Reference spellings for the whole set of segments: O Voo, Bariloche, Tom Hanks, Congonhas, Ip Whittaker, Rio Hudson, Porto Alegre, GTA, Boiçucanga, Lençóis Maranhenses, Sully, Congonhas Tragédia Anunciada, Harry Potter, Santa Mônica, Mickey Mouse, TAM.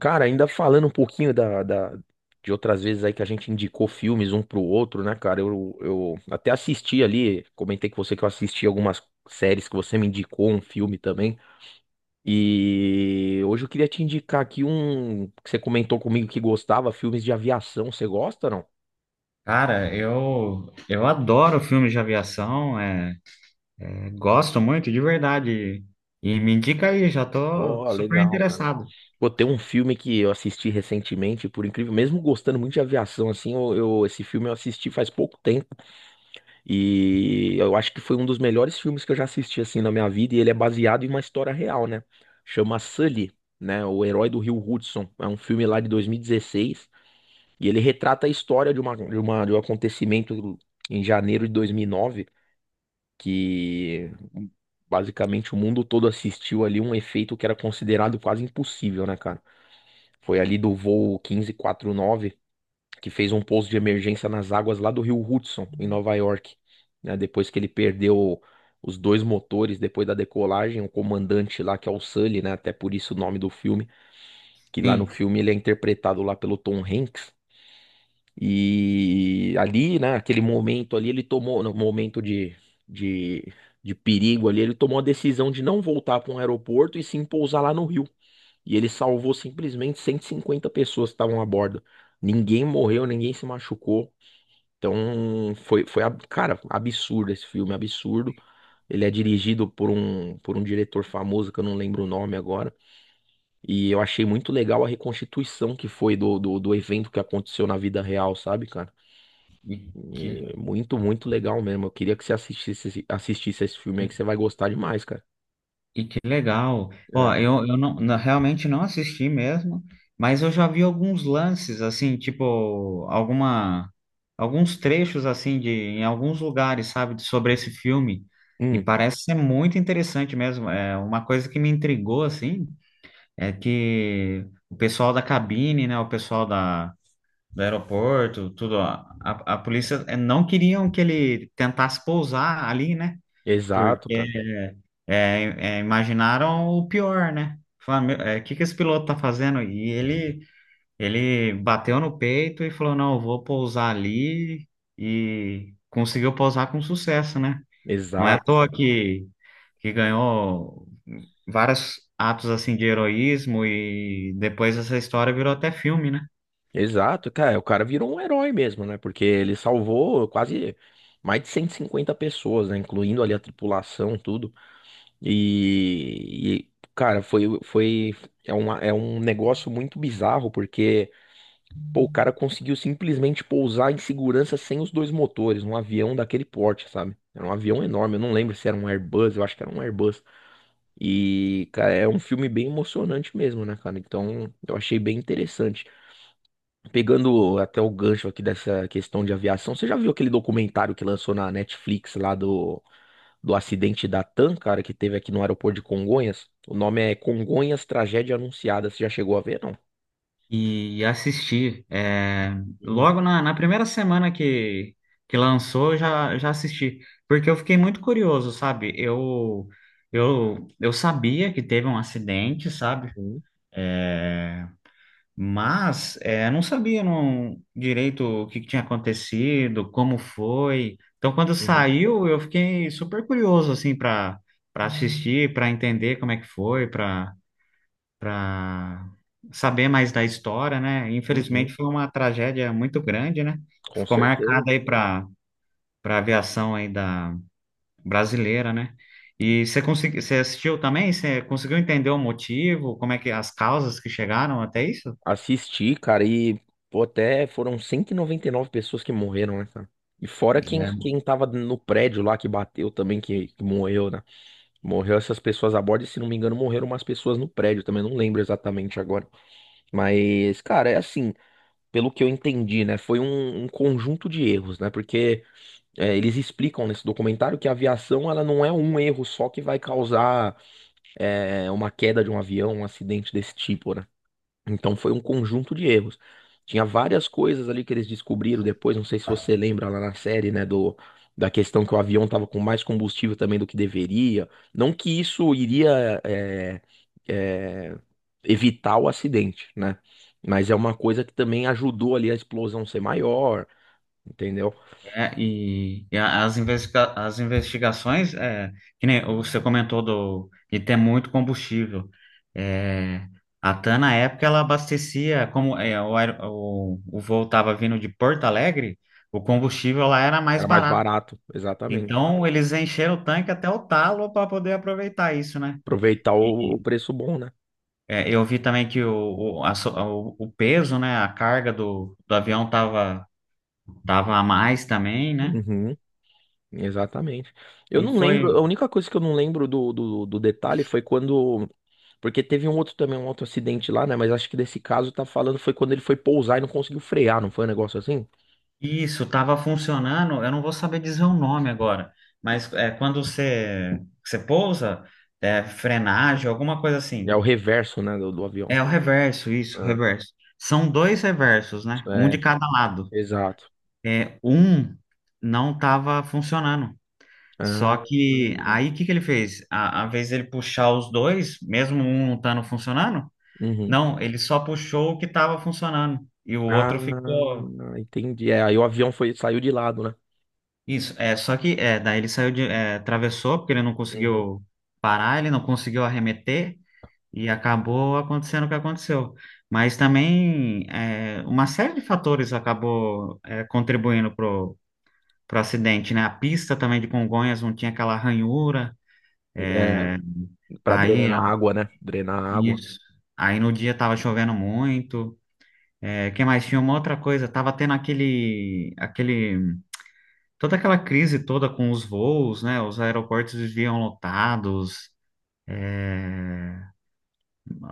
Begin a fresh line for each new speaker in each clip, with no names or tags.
Cara, ainda falando um pouquinho de outras vezes aí que a gente indicou filmes um pro outro, né, cara? Eu até assisti ali, comentei com você que eu assisti algumas séries que você me indicou, um filme também. E hoje eu queria te indicar aqui um que você comentou comigo que gostava, filmes de aviação. Você gosta, não?
Cara, eu adoro filmes de aviação, gosto muito, de verdade. E me indica aí, já tô
Ó,
super
legal, cara.
interessado.
Pô, tem um filme que eu assisti recentemente, por incrível, mesmo gostando muito de aviação, assim, esse filme eu assisti faz pouco tempo. E eu acho que foi um dos melhores filmes que eu já assisti assim na minha vida e ele é baseado em uma história real, né? Chama Sully, né? O Herói do Rio Hudson. É um filme lá de 2016 e dezesseis e ele retrata a história de um acontecimento em janeiro de 2009 que basicamente o mundo todo assistiu ali um efeito que era considerado quase impossível, né, cara? Foi ali do voo 1549 que fez um pouso de emergência nas águas lá do Rio Hudson, em Nova York, né? Depois que ele perdeu os dois motores depois da decolagem, o comandante lá, que é o Sully, né? Até por isso o nome do filme, que lá no
Sim,
filme ele é interpretado lá pelo Tom Hanks. E ali, né, aquele momento ali, ele tomou, no momento de, de perigo ali, ele tomou a decisão de não voltar para um aeroporto e sim pousar lá no Rio. E ele salvou simplesmente 150 pessoas que estavam a bordo. Ninguém morreu, ninguém se machucou. Então, cara, absurdo esse filme, absurdo. Ele é dirigido por um diretor famoso que eu não lembro o nome agora. E eu achei muito legal a reconstituição que foi do evento que aconteceu na vida real, sabe, cara?
e que,
E é muito, muito legal mesmo. Eu queria que você assistisse, assistisse esse filme aí, que você vai gostar demais, cara.
e que legal. Ó,
É.
eu não, não- realmente não assisti mesmo, mas eu já vi alguns lances, assim, tipo, alguns trechos, assim, de, em alguns lugares, sabe, de- sobre esse filme. E
Hum,
parece ser muito interessante mesmo. É uma coisa que me intrigou, assim. É que o pessoal da cabine, né, o pessoal da, do aeroporto, tudo, a polícia não queriam que ele tentasse pousar ali, né? Porque
exato, cara.
imaginaram o pior, né? Falaram, o que que esse piloto tá fazendo? Ele bateu no peito e falou, não, eu vou pousar ali e conseguiu pousar com sucesso, né? Não é à
Exato,
toa
cara.
que ganhou vários atos assim de heroísmo e depois essa história virou até filme, né?
Exato, cara, o cara virou um herói mesmo, né? Porque ele salvou quase mais de 150 pessoas, né? Incluindo ali a tripulação, tudo. E, cara, foi, foi, é uma, é um negócio muito bizarro, porque, pô, o cara conseguiu simplesmente pousar em segurança sem os dois motores, num avião daquele porte, sabe? Era um avião enorme, eu não lembro se era um Airbus, eu acho que era um Airbus. E, cara, é um filme bem emocionante mesmo, né, cara? Então, eu achei bem interessante. Pegando até o gancho aqui dessa questão de aviação, você já viu aquele documentário que lançou na Netflix lá do acidente da TAM, cara, que teve aqui no aeroporto de Congonhas? O nome é Congonhas Tragédia Anunciada. Você já chegou a ver, não?
E assisti. Logo na, na primeira semana que lançou, eu já, já assisti. Porque eu fiquei muito curioso, sabe? Eu sabia que teve um acidente, sabe?
Uhum,
É, mas é, não sabia não, direito o que, que tinha acontecido, como foi. Então, quando
uhum,
saiu, eu fiquei super curioso assim para assistir, para entender como é que foi, para saber mais da história, né?
uhum,
Infelizmente foi uma tragédia muito grande, né?
com
Ficou
certeza.
marcada aí para aviação aí da brasileira, né? E você conseguiu, você assistiu também? Você conseguiu entender o motivo? Como é que as causas que chegaram até isso?
Assisti, cara, e pô, até foram 199 pessoas que morreram, né, cara? E fora quem tava no prédio lá que bateu também, que morreu, né? Morreu essas pessoas a bordo, e se não me engano, morreram umas pessoas no prédio também, não lembro exatamente agora. Mas, cara, é assim, pelo que eu entendi, né? Foi um conjunto de erros, né? Porque eles explicam nesse documentário que a aviação, ela não é um erro só que vai causar uma queda de um avião, um acidente desse tipo, né? Então foi um conjunto de erros. Tinha várias coisas ali que eles descobriram depois, não sei se você lembra lá na série, né, do da questão que o avião tava com mais combustível também do que deveria. Não que isso iria é, evitar o acidente, né? Mas é uma coisa que também ajudou ali a explosão ser maior, entendeu?
É, as investigações, é, que nem você comentou do, de ter muito combustível. É, a TAM, na época, ela abastecia, como é, o voo estava vindo de Porto Alegre, o combustível lá era mais
Era mais
barato.
barato, exatamente.
Então, eles encheram o tanque até o talo para poder aproveitar isso, né?
Aproveitar
E,
o
e,
preço bom, né?
eu vi também que o peso, né, a carga do, do avião tava, tava a mais também, né?
Uhum. Exatamente. Eu
E
não
foi.
lembro, a única coisa que eu não lembro do detalhe foi quando. Porque teve um outro também, um outro acidente lá, né? Mas acho que desse caso tá falando foi quando ele foi pousar e não conseguiu frear, não foi um negócio assim?
Isso, estava funcionando. Eu não vou saber dizer o nome agora, mas é quando você pousa, é, frenagem, alguma coisa
É
assim.
o reverso, né, do avião.
É o reverso, isso, o
Ah,
reverso. São dois reversos, né?
isso
Um de
é,
cada lado.
exato.
É, um não estava funcionando. Só
Ah,
que
hum,
aí o que que ele fez? A vez ele puxar os dois, mesmo um não estando funcionando,
uhum.
não, ele só puxou o que estava funcionando e o
Ah,
outro ficou.
entendi. É, aí o avião foi, saiu de lado, né?
Isso, é, só que é, daí ele saiu de, é, atravessou, porque ele não
Uhum.
conseguiu parar, ele não conseguiu arremeter, e acabou acontecendo o que aconteceu. Mas também é, uma série de fatores acabou é, contribuindo pro, pro acidente, né? A pista também de Congonhas não tinha aquela ranhura,
É,
é,
pra
aí
drenar água, né? Drenar água.
isso, aí no dia tava chovendo muito, é, que mais tinha uma outra coisa, tava tendo aquele, aquele toda aquela crise toda com os voos, né? Os aeroportos viviam lotados, é,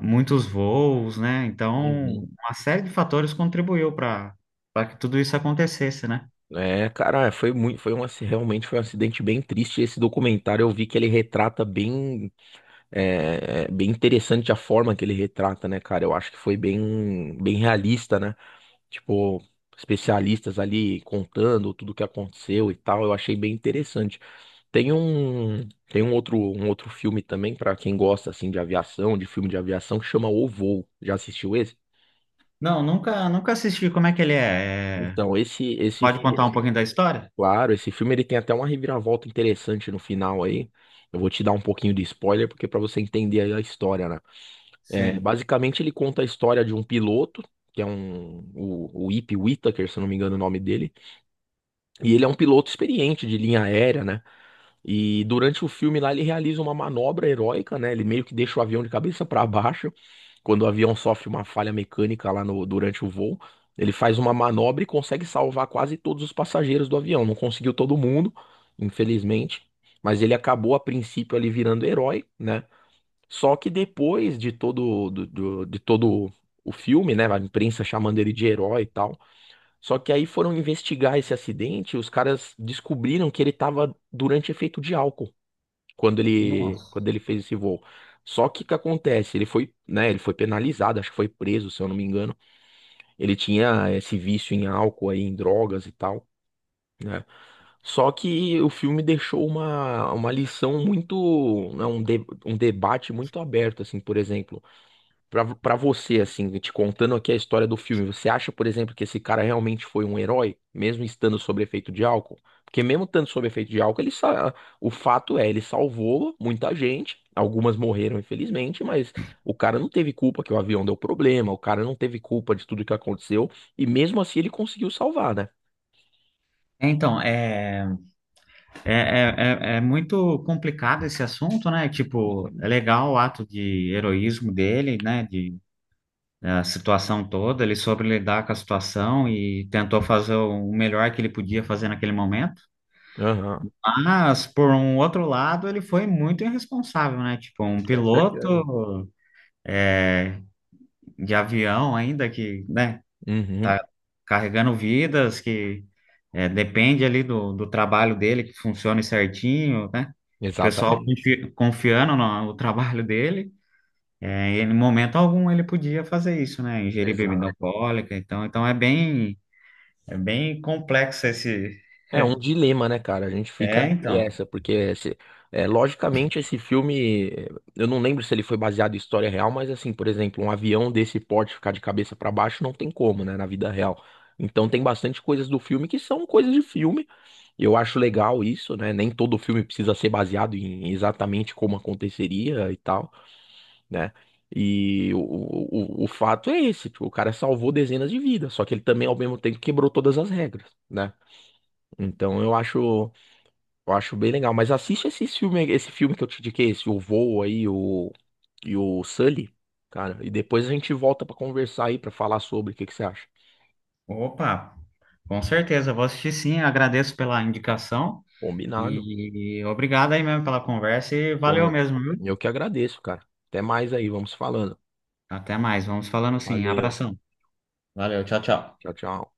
muitos voos, né? Então,
Uhum.
uma série de fatores contribuiu para que tudo isso acontecesse, né?
É, cara, é, foi muito, foi um, aci- realmente foi um acidente bem triste. Esse documentário eu vi que ele retrata bem, bem interessante a forma que ele retrata, né, cara? Eu acho que foi bem, bem realista, né? Tipo, especialistas ali contando tudo o que aconteceu e tal. Eu achei bem interessante. Um outro filme também pra quem gosta assim de aviação, de filme de aviação, que chama O Voo. Já assistiu esse?
Não, nunca assisti. Como é que ele é? É,
Então, esse
pode contar um
filme
pouquinho da história?
Claro, esse filme ele tem até uma reviravolta interessante no final aí. Eu vou te dar um pouquinho de spoiler, porque para você entender aí a história, né? É,
Sim.
basicamente, ele conta a história de um piloto, que é o Ip Whittaker, se eu não me engano o nome dele. E ele é um piloto experiente de linha aérea, né? E durante o filme lá ele realiza uma manobra heróica, né? Ele meio que deixa o avião de cabeça para baixo. Quando o avião sofre uma falha mecânica lá no, durante o voo, ele faz uma manobra e consegue salvar quase todos os passageiros do avião. Não conseguiu todo mundo, infelizmente, mas ele acabou a princípio ali virando herói, né? Só que depois de todo o filme, né, a imprensa chamando ele de herói e tal, só que aí foram investigar esse acidente, e os caras descobriram que ele estava durante efeito de álcool quando ele
Nossa.
quando ele fez esse voo. Só que o que acontece? Ele foi, né, ele foi penalizado, acho que foi preso, se eu não me engano. Ele tinha esse vício em álcool aí, em drogas e tal, né? Só que o filme deixou uma lição muito, né, um debate muito aberto, assim, por exemplo. Pra você, assim, te contando aqui a história do filme, você acha, por exemplo, que esse cara realmente foi um herói, mesmo estando sob efeito de álcool? Porque mesmo estando sob efeito de álcool, o fato é, ele salvou muita gente, algumas morreram, infelizmente, mas o cara não teve culpa que o avião deu problema, o cara não teve culpa de tudo que aconteceu, e mesmo assim ele conseguiu salvar, né?
Então, é é muito complicado esse assunto, né? Tipo,
Uhum.
é legal o ato de heroísmo dele, né? A situação toda, ele soube lidar com a situação e tentou fazer o melhor que ele podia fazer naquele momento.
Aham,
Mas, por um outro lado, ele foi muito irresponsável, né? Tipo, um
com certeza.
piloto é, de avião ainda que, né,
Uhum,
tá carregando vidas, que é, depende ali do, do trabalho dele, que funcione certinho, né? O pessoal
exatamente.
confi- confiando no, no trabalho dele. É, em momento algum ele podia fazer isso, né? Ingerir bebida
Exato.
alcoólica, então, então é bem É bem complexo esse.
É um dilema, né, cara? A gente fica
É,
entre
então.
essa, porque esse- é, logicamente esse filme, eu não lembro se ele foi baseado em história real, mas assim, por exemplo, um avião desse porte ficar de cabeça pra baixo não tem como, né, na vida real. Então tem bastante coisas do filme que são coisas de filme. Eu acho legal isso, né? Nem todo filme precisa ser baseado em exatamente como aconteceria e tal, né? E o fato é esse, tipo, o cara salvou dezenas de vidas, só que ele também, ao mesmo tempo, quebrou todas as regras, né? Então eu acho. Eu acho bem legal, mas assiste esse filme que eu te indiquei, esse O Voo aí, o e o Sully, cara, e depois a gente volta pra conversar aí, pra falar sobre o que que você acha.
Opa, com certeza, eu vou assistir sim. Agradeço pela indicação
Combinado.
e obrigado aí mesmo pela conversa e valeu
Pô,
mesmo, viu?
eu que agradeço, cara. Até mais aí, vamos falando.
Até mais, vamos falando sim.
Valeu.
Abração. Valeu, tchau, tchau.
Tchau, tchau.